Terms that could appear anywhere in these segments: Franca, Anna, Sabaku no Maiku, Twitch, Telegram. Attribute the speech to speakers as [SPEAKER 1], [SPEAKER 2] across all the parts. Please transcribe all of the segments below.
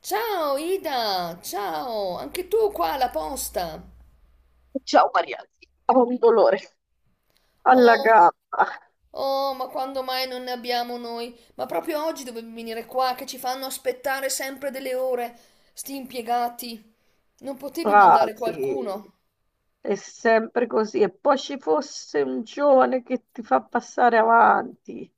[SPEAKER 1] Ciao Ida, ciao, anche tu qua alla posta.
[SPEAKER 2] Ciao Maria, ho un dolore alla
[SPEAKER 1] Oh,
[SPEAKER 2] gamba,
[SPEAKER 1] oh, ma quando mai non ne abbiamo noi? Ma proprio oggi dovevi venire qua che ci fanno aspettare sempre delle ore, sti impiegati. Non potevi mandare
[SPEAKER 2] quasi,
[SPEAKER 1] qualcuno?
[SPEAKER 2] è sempre così. E poi ci fosse un giovane che ti fa passare avanti.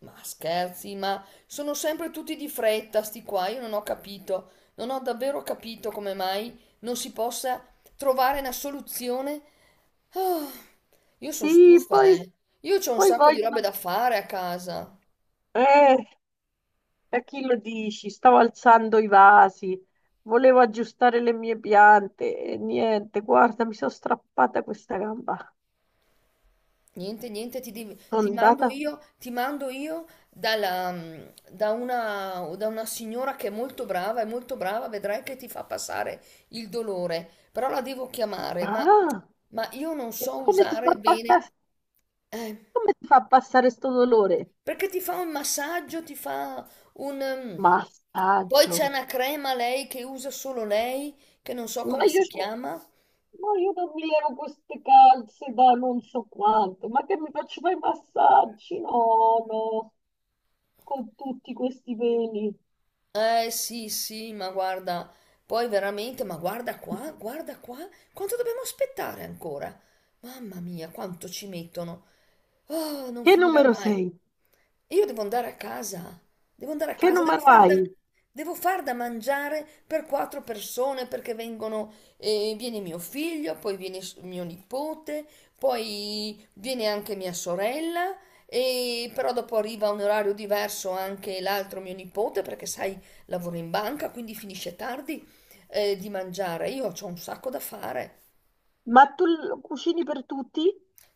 [SPEAKER 1] Ma scherzi, ma sono sempre tutti di fretta, sti qua, io non ho davvero capito come mai non si possa trovare una soluzione. Ah, io sono
[SPEAKER 2] Sì,
[SPEAKER 1] stufa,
[SPEAKER 2] poi,
[SPEAKER 1] eh. Io c'ho un
[SPEAKER 2] poi
[SPEAKER 1] sacco di
[SPEAKER 2] vogliono...
[SPEAKER 1] robe da fare a casa.
[SPEAKER 2] Eh, a chi lo dici? Stavo alzando i vasi, volevo aggiustare le mie piante e niente, guarda, mi sono strappata questa gamba.
[SPEAKER 1] Niente, niente, ti
[SPEAKER 2] Sono
[SPEAKER 1] mando
[SPEAKER 2] andata...
[SPEAKER 1] io, ti mando io da una signora che è molto brava, vedrai che ti fa passare il dolore, però la devo chiamare, ma,
[SPEAKER 2] Ah,
[SPEAKER 1] ma io non
[SPEAKER 2] e
[SPEAKER 1] so
[SPEAKER 2] come ti fa
[SPEAKER 1] usare bene,
[SPEAKER 2] passare,
[SPEAKER 1] eh,
[SPEAKER 2] come ti fa passare sto dolore?
[SPEAKER 1] perché ti fa un massaggio, ti fa un... mm, poi c'è
[SPEAKER 2] Massaggio.
[SPEAKER 1] una crema lei che usa solo lei, che non so
[SPEAKER 2] Ma
[SPEAKER 1] come
[SPEAKER 2] io,
[SPEAKER 1] si
[SPEAKER 2] sto-
[SPEAKER 1] chiama.
[SPEAKER 2] ma io non mi levo queste calze da non so quanto, ma che mi faccio fare i massaggi? No, no, con tutti questi peli.
[SPEAKER 1] Eh sì, sì, ma guarda, poi veramente, ma guarda qua, quanto dobbiamo aspettare ancora? Mamma mia, quanto ci mettono. Oh, non
[SPEAKER 2] Che
[SPEAKER 1] finirà
[SPEAKER 2] numero
[SPEAKER 1] mai.
[SPEAKER 2] sei?
[SPEAKER 1] E io devo andare a casa, devo andare a
[SPEAKER 2] Che
[SPEAKER 1] casa,
[SPEAKER 2] numero hai?
[SPEAKER 1] devo far da mangiare per quattro persone perché viene mio figlio, poi viene mio nipote, poi viene anche mia sorella, e però dopo arriva a un orario diverso anche l'altro mio nipote perché sai, lavora in banca, quindi finisce tardi, di mangiare. Io ho un sacco da fare.
[SPEAKER 2] Ma tu l- cucini per tutti?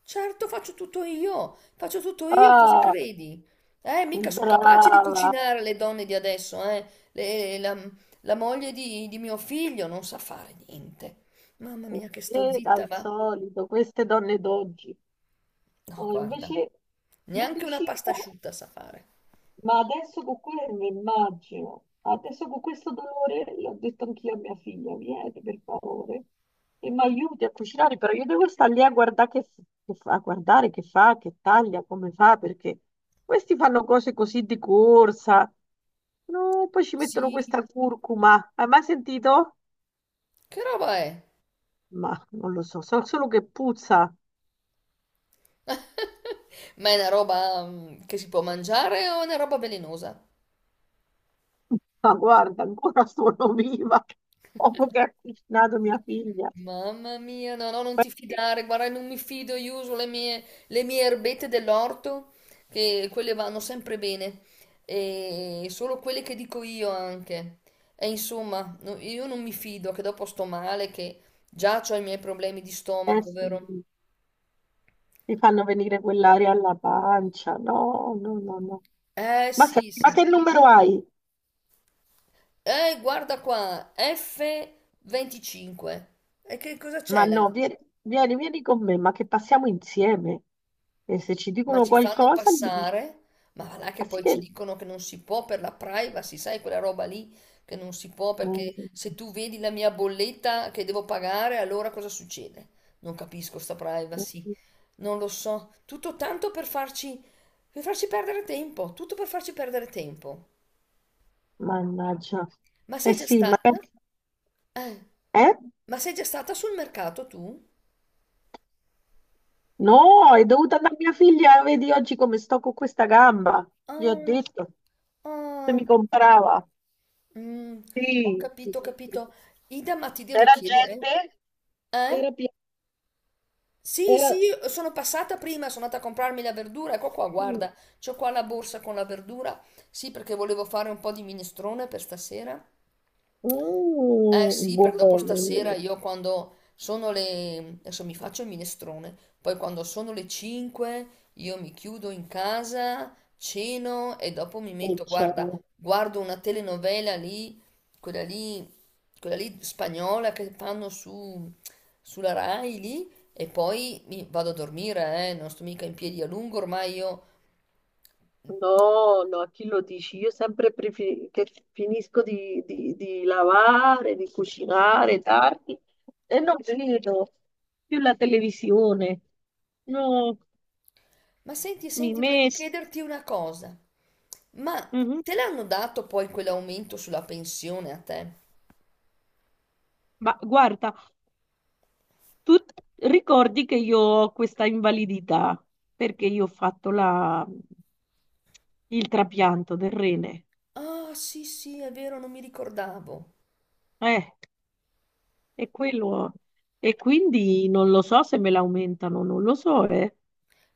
[SPEAKER 1] Certo, faccio tutto io, cosa
[SPEAKER 2] Ah,
[SPEAKER 1] credi? Mica sono capaci di
[SPEAKER 2] brava,
[SPEAKER 1] cucinare le donne di adesso, eh. Le- la, la moglie di mio figlio non sa fare niente. Mamma mia, che sto zitta,
[SPEAKER 2] al
[SPEAKER 1] va.
[SPEAKER 2] solito, queste donne d'oggi.
[SPEAKER 1] No,
[SPEAKER 2] No,
[SPEAKER 1] guarda,
[SPEAKER 2] invece io
[SPEAKER 1] neanche una pasta
[SPEAKER 2] cucino.
[SPEAKER 1] asciutta sa fare.
[SPEAKER 2] Ma adesso con quello mi immagino, adesso con questo dolore, io ho detto anch'io a mia figlia, vieni per favore e mi aiuti a cucinare, però io devo stare lì a guardare che, f- che fa, a guardare che fa, che taglia, come fa, perché questi fanno cose così di corsa, no, poi ci mettono
[SPEAKER 1] Sì,
[SPEAKER 2] questa curcuma, hai mai sentito?
[SPEAKER 1] che roba è?
[SPEAKER 2] Ma non lo so, so solo che puzza,
[SPEAKER 1] Ma è una roba che si può mangiare o è una roba velenosa?
[SPEAKER 2] ma guarda, ancora sono viva, dopo che ha cucinato mia figlia.
[SPEAKER 1] Mamma mia, no, no, non ti fidare, guarda, non mi fido, io uso le mie erbette dell'orto, che quelle vanno sempre bene, e solo quelle che dico io anche. E insomma, io non mi fido, che dopo sto male, che già ho i miei problemi di
[SPEAKER 2] Eh
[SPEAKER 1] stomaco, vero?
[SPEAKER 2] sì, mi fanno venire quell'aria alla pancia. No, no, no, no. Ma
[SPEAKER 1] Sì,
[SPEAKER 2] senti, ma
[SPEAKER 1] sì.
[SPEAKER 2] che numero hai?
[SPEAKER 1] Guarda qua, F25. E che cosa
[SPEAKER 2] Ma
[SPEAKER 1] c'è là?
[SPEAKER 2] no, vieni, vieni, vieni con me, ma che passiamo insieme. E se ci
[SPEAKER 1] Ma
[SPEAKER 2] dicono
[SPEAKER 1] ci fanno
[SPEAKER 2] qualcosa, gli dici,
[SPEAKER 1] passare, ma va là che
[SPEAKER 2] ma sì
[SPEAKER 1] poi ci
[SPEAKER 2] che...
[SPEAKER 1] dicono che non si può per la privacy, sai quella roba lì che non si può perché
[SPEAKER 2] Mm.
[SPEAKER 1] se tu vedi la mia bolletta che devo pagare, allora cosa succede? Non capisco sta privacy, non lo so, tutto tanto per farci perdere tempo, tutto per farci perdere tempo.
[SPEAKER 2] Mannaggia.
[SPEAKER 1] Ma
[SPEAKER 2] Eh
[SPEAKER 1] sei già
[SPEAKER 2] sì, ma...
[SPEAKER 1] stata? Eh,
[SPEAKER 2] Eh?
[SPEAKER 1] ma sei già stata sul mercato tu?
[SPEAKER 2] No, è dovuta a mia figlia, vedi oggi come sto con questa gamba. Gli ho
[SPEAKER 1] Ah,
[SPEAKER 2] detto, se mi
[SPEAKER 1] ah,
[SPEAKER 2] comprava.
[SPEAKER 1] mm, ho
[SPEAKER 2] Sì, sì,
[SPEAKER 1] capito, ho
[SPEAKER 2] sì.
[SPEAKER 1] capito. Ida, ma ti devo
[SPEAKER 2] Era
[SPEAKER 1] chiedere,
[SPEAKER 2] gente,
[SPEAKER 1] eh?
[SPEAKER 2] era... pi-
[SPEAKER 1] Sì, sì,
[SPEAKER 2] era...
[SPEAKER 1] io sono passata prima, sono andata a comprarmi la verdura, ecco qua,
[SPEAKER 2] Mm.
[SPEAKER 1] guarda, c'ho qua la borsa con la verdura, sì, perché volevo fare un po' di minestrone per stasera. Eh
[SPEAKER 2] Mm,
[SPEAKER 1] sì, perché dopo
[SPEAKER 2] buono.
[SPEAKER 1] stasera io quando sono le... adesso mi faccio il minestrone, poi quando sono le 5 io mi chiudo in casa, ceno e dopo guarda, guardo una telenovela lì, quella lì, quella lì spagnola che fanno sulla Rai lì e poi mi vado a dormire, non sto mica in piedi a lungo ormai io.
[SPEAKER 2] No, no, a chi lo dici? Io sempre prefi- che finisco di lavare, di cucinare tardi e non vedo più la televisione. No,
[SPEAKER 1] Ma senti,
[SPEAKER 2] mi
[SPEAKER 1] senti, volevo
[SPEAKER 2] messo.
[SPEAKER 1] chiederti una cosa, ma te l'hanno dato poi quell'aumento sulla pensione a te?
[SPEAKER 2] Ma guarda, tu ricordi che io ho questa invalidità perché io ho fatto la- il trapianto del rene.
[SPEAKER 1] Ah, sì, sì, è vero, non mi ricordavo.
[SPEAKER 2] Eh, è quello. E quindi non lo so se me l'aumentano, non lo so, eh.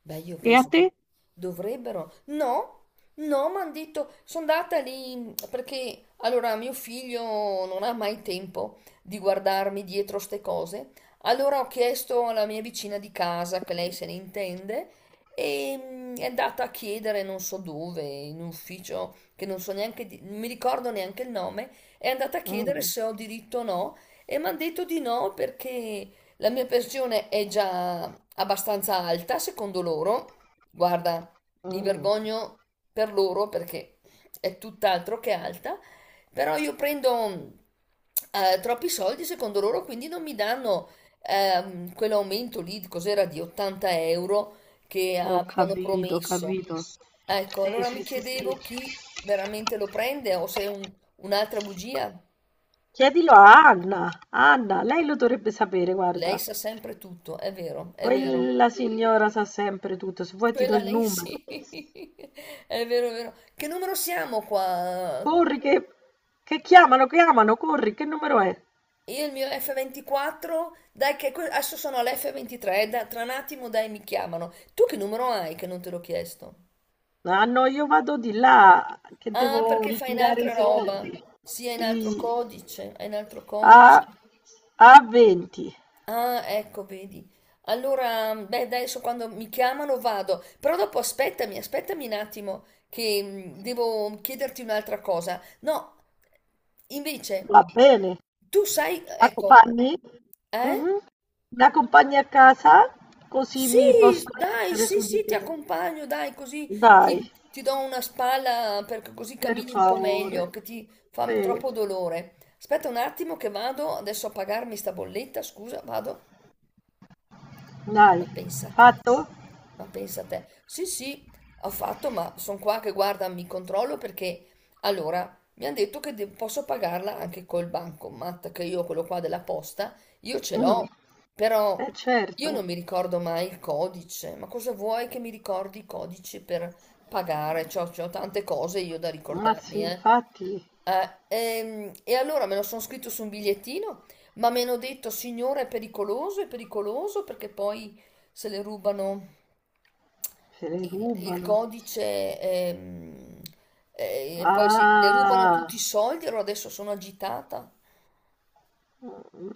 [SPEAKER 1] Beh, io
[SPEAKER 2] E a
[SPEAKER 1] penso
[SPEAKER 2] te?
[SPEAKER 1] che dovrebbero. No, no, mi hanno detto, sono andata lì perché allora mio figlio non ha mai tempo di guardarmi dietro ste cose. Allora ho chiesto alla mia vicina di casa, che lei se ne intende, e è andata a chiedere non so dove, in un ufficio che non so neanche, non mi ricordo neanche il nome, è andata a chiedere
[SPEAKER 2] Mm.
[SPEAKER 1] se ho diritto o no, e mi hanno detto di no perché. La mia pensione è già abbastanza alta, secondo loro. Guarda, mi
[SPEAKER 2] Mm.
[SPEAKER 1] vergogno per loro perché è tutt'altro che alta, però io prendo troppi soldi, secondo loro, quindi non mi danno quell'aumento lì, cos'era, di 80 euro che
[SPEAKER 2] Ho
[SPEAKER 1] avevano
[SPEAKER 2] capito, ho
[SPEAKER 1] promesso.
[SPEAKER 2] capito.
[SPEAKER 1] Ecco,
[SPEAKER 2] Sì,
[SPEAKER 1] allora mi
[SPEAKER 2] sì, sì, sì.
[SPEAKER 1] chiedevo chi veramente lo prende o se è un'altra bugia.
[SPEAKER 2] Chiedilo a Anna. Anna, lei lo dovrebbe sapere,
[SPEAKER 1] Lei
[SPEAKER 2] guarda.
[SPEAKER 1] sa sempre tutto, è vero, è vero.
[SPEAKER 2] Poi la signora sa sempre tutto. Se vuoi ti do
[SPEAKER 1] Quella
[SPEAKER 2] il
[SPEAKER 1] lei
[SPEAKER 2] numero.
[SPEAKER 1] sì, è vero, è vero. Che numero siamo qua?
[SPEAKER 2] Corri che chiamano, chiamano, corri, che numero è?
[SPEAKER 1] Io il mio F24, dai che adesso sono all'F23, tra un attimo dai mi chiamano. Tu che numero hai che non te l'ho chiesto?
[SPEAKER 2] Ah no, io vado di là, che
[SPEAKER 1] Ah,
[SPEAKER 2] devo
[SPEAKER 1] perché fai in
[SPEAKER 2] ritirare i
[SPEAKER 1] altra
[SPEAKER 2] soldi.
[SPEAKER 1] roba. Sì, è in altro
[SPEAKER 2] Sì,
[SPEAKER 1] codice, è in altro
[SPEAKER 2] a,
[SPEAKER 1] codice.
[SPEAKER 2] a 20.
[SPEAKER 1] Ah, ecco, vedi. Allora, beh, adesso quando mi chiamano vado, però dopo aspettami, aspettami un attimo che devo chiederti un'altra cosa. No, invece,
[SPEAKER 2] Va bene.
[SPEAKER 1] tu sai, ecco,
[SPEAKER 2] M'accompagni?
[SPEAKER 1] eh?
[SPEAKER 2] Mh-mh. Mi accompagni a casa? Così
[SPEAKER 1] Sì,
[SPEAKER 2] mi posso
[SPEAKER 1] dai,
[SPEAKER 2] leggere
[SPEAKER 1] sì,
[SPEAKER 2] su di
[SPEAKER 1] sì, ti
[SPEAKER 2] te.
[SPEAKER 1] accompagno, dai, così
[SPEAKER 2] Dai,
[SPEAKER 1] ti do una spalla perché così
[SPEAKER 2] per
[SPEAKER 1] cammini un po'
[SPEAKER 2] favore.
[SPEAKER 1] meglio, che ti fa
[SPEAKER 2] Sì,
[SPEAKER 1] troppo dolore. Aspetta un attimo che vado adesso a pagarmi sta bolletta, scusa, vado. Ma
[SPEAKER 2] dai.
[SPEAKER 1] pensate,
[SPEAKER 2] Fatto?
[SPEAKER 1] ma pensate, sì, sì, ho fatto, ma sono qua che guarda, mi controllo perché allora mi hanno detto che posso pagarla anche col bancomat, che io quello qua della posta, io ce
[SPEAKER 2] Mh,
[SPEAKER 1] l'ho, però
[SPEAKER 2] eh certo.
[SPEAKER 1] io non mi ricordo mai il codice. Ma cosa vuoi che mi ricordi i codici per pagare? C'ho tante cose io da
[SPEAKER 2] Ma sì,
[SPEAKER 1] ricordarmi, eh.
[SPEAKER 2] infatti
[SPEAKER 1] E allora me lo sono scritto su un bigliettino, ma mi hanno detto, signore, è pericoloso perché poi se le rubano
[SPEAKER 2] se le
[SPEAKER 1] il
[SPEAKER 2] rubano.
[SPEAKER 1] codice e poi le rubano
[SPEAKER 2] Ah,
[SPEAKER 1] tutti i soldi, allora adesso sono agitata.
[SPEAKER 2] mhmm,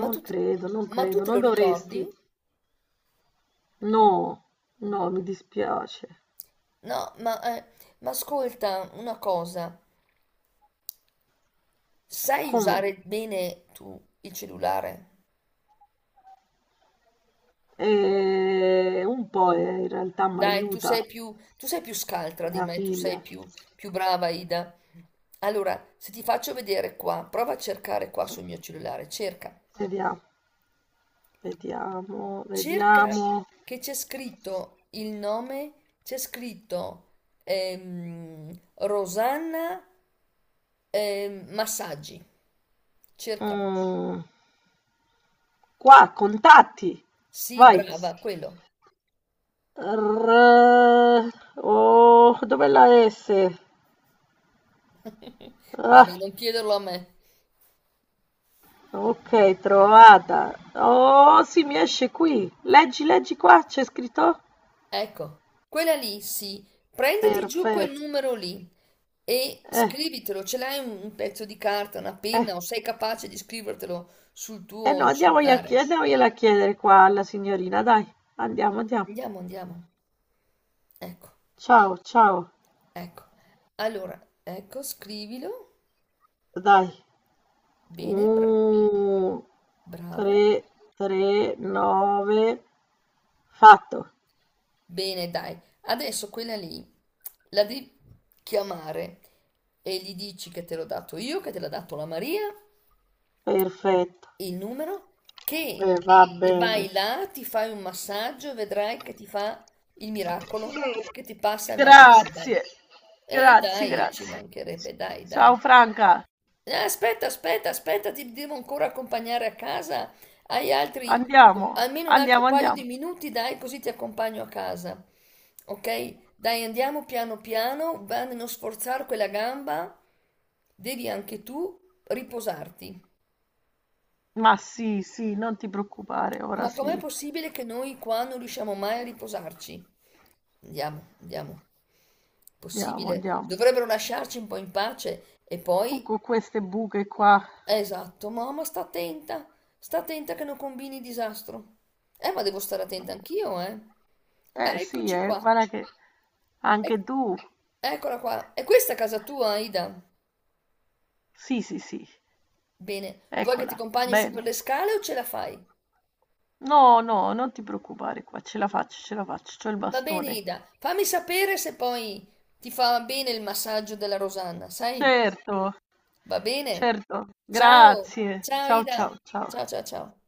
[SPEAKER 1] Ma
[SPEAKER 2] non
[SPEAKER 1] tu, te-
[SPEAKER 2] credo, non
[SPEAKER 1] ma tu
[SPEAKER 2] credo,
[SPEAKER 1] te
[SPEAKER 2] non
[SPEAKER 1] lo
[SPEAKER 2] dovresti.
[SPEAKER 1] ricordi?
[SPEAKER 2] No, no, mi dispiace.
[SPEAKER 1] No, ma ascolta una cosa, sai
[SPEAKER 2] Come?
[SPEAKER 1] usare bene tu il cellulare?
[SPEAKER 2] Un po', in realtà
[SPEAKER 1] Dai,
[SPEAKER 2] m'aiuta
[SPEAKER 1] tu sei più scaltra di
[SPEAKER 2] mia
[SPEAKER 1] me, tu
[SPEAKER 2] figlia.
[SPEAKER 1] sei più, più brava, Ida. Allora, se ti faccio vedere qua, prova a cercare qua sul mio cellulare. cerca
[SPEAKER 2] Vediamo, vediamo,
[SPEAKER 1] Cerca
[SPEAKER 2] vediamo.
[SPEAKER 1] che c'è scritto il nome, c'è scritto Rosanna Massaggi. Cercalo.
[SPEAKER 2] Mm, qua, contatti.
[SPEAKER 1] Sì,
[SPEAKER 2] Vai.
[SPEAKER 1] brava, quello.
[SPEAKER 2] R- oh, dov'è la S? Ah,
[SPEAKER 1] Guarda, non chiederlo a me.
[SPEAKER 2] ok, trovata. Oh, sì, mi esce qui. Leggi, leggi qua, c'è scritto?
[SPEAKER 1] Ecco, quella lì, sì. Prenditi giù quel
[SPEAKER 2] Perfetto.
[SPEAKER 1] numero lì e
[SPEAKER 2] Eh,
[SPEAKER 1] scrivitelo. Ce l'hai un pezzo di carta, una
[SPEAKER 2] eh,
[SPEAKER 1] penna o sei capace di scrivertelo sul
[SPEAKER 2] no,
[SPEAKER 1] tuo
[SPEAKER 2] andiamogli a chied-
[SPEAKER 1] cellulare?
[SPEAKER 2] andiamogliela a chiedere qua alla signorina, dai. Andiamo, andiamo.
[SPEAKER 1] Andiamo, andiamo. Ecco.
[SPEAKER 2] Ciao, ciao.
[SPEAKER 1] Ecco, allora, ecco, scrivilo.
[SPEAKER 2] Dai.
[SPEAKER 1] Bene,
[SPEAKER 2] Uh,
[SPEAKER 1] brava.
[SPEAKER 2] 3, 3, 9. Fatto.
[SPEAKER 1] Bene, dai. Adesso quella lì la devi chiamare e gli dici che te l'ho dato io, che te l'ha dato la Maria,
[SPEAKER 2] Perfetto.
[SPEAKER 1] il numero, che
[SPEAKER 2] Va bene.
[SPEAKER 1] vai là, ti fai un massaggio e vedrai che ti fa il miracolo, che ti passa il mal di gamba.
[SPEAKER 2] Grazie.
[SPEAKER 1] E
[SPEAKER 2] Grazie,
[SPEAKER 1] dai, ci
[SPEAKER 2] grazie.
[SPEAKER 1] mancherebbe, dai, dai.
[SPEAKER 2] Ciao Franca.
[SPEAKER 1] Aspetta, aspetta, aspetta, ti devo ancora accompagnare a casa. Hai altri,
[SPEAKER 2] Andiamo.
[SPEAKER 1] Almeno un altro
[SPEAKER 2] Andiamo,
[SPEAKER 1] paio di
[SPEAKER 2] andiamo.
[SPEAKER 1] minuti, dai, così ti accompagno a casa. Ok? Dai, andiamo piano piano, va a non sforzare quella gamba, devi anche tu riposarti.
[SPEAKER 2] Ma sì, sì, non ti preoccupare. Ora
[SPEAKER 1] Ma com'è
[SPEAKER 2] sì.
[SPEAKER 1] possibile che noi qua non riusciamo mai a riposarci? Andiamo, andiamo.
[SPEAKER 2] Andiamo,
[SPEAKER 1] Possibile.
[SPEAKER 2] andiamo.
[SPEAKER 1] Dovrebbero lasciarci un po' in pace e
[SPEAKER 2] Tu
[SPEAKER 1] poi.
[SPEAKER 2] con queste buche qua.
[SPEAKER 1] Esatto, mamma, sta attenta che non combini disastro. Ma devo stare attenta anch'io, eh.
[SPEAKER 2] Eh sì,
[SPEAKER 1] Eccoci qua,
[SPEAKER 2] guarda che
[SPEAKER 1] Ec-
[SPEAKER 2] anche tu.
[SPEAKER 1] eccola qua. E questa è casa tua, Ida?
[SPEAKER 2] Sì, sì, sì.
[SPEAKER 1] Bene, vuoi che ti
[SPEAKER 2] Eccola.
[SPEAKER 1] accompagni su per
[SPEAKER 2] Bene.
[SPEAKER 1] le scale o ce la fai?
[SPEAKER 2] No, no, non ti preoccupare qua, ce la faccio, c'ho il
[SPEAKER 1] Va bene,
[SPEAKER 2] bastone.
[SPEAKER 1] Ida, fammi sapere se poi ti fa bene il massaggio della Rosanna, sai?
[SPEAKER 2] Certo,
[SPEAKER 1] Va bene?
[SPEAKER 2] certo,
[SPEAKER 1] Ciao,
[SPEAKER 2] grazie.
[SPEAKER 1] ciao
[SPEAKER 2] Ciao,
[SPEAKER 1] Ida,
[SPEAKER 2] ciao, ciao.
[SPEAKER 1] ciao ciao ciao.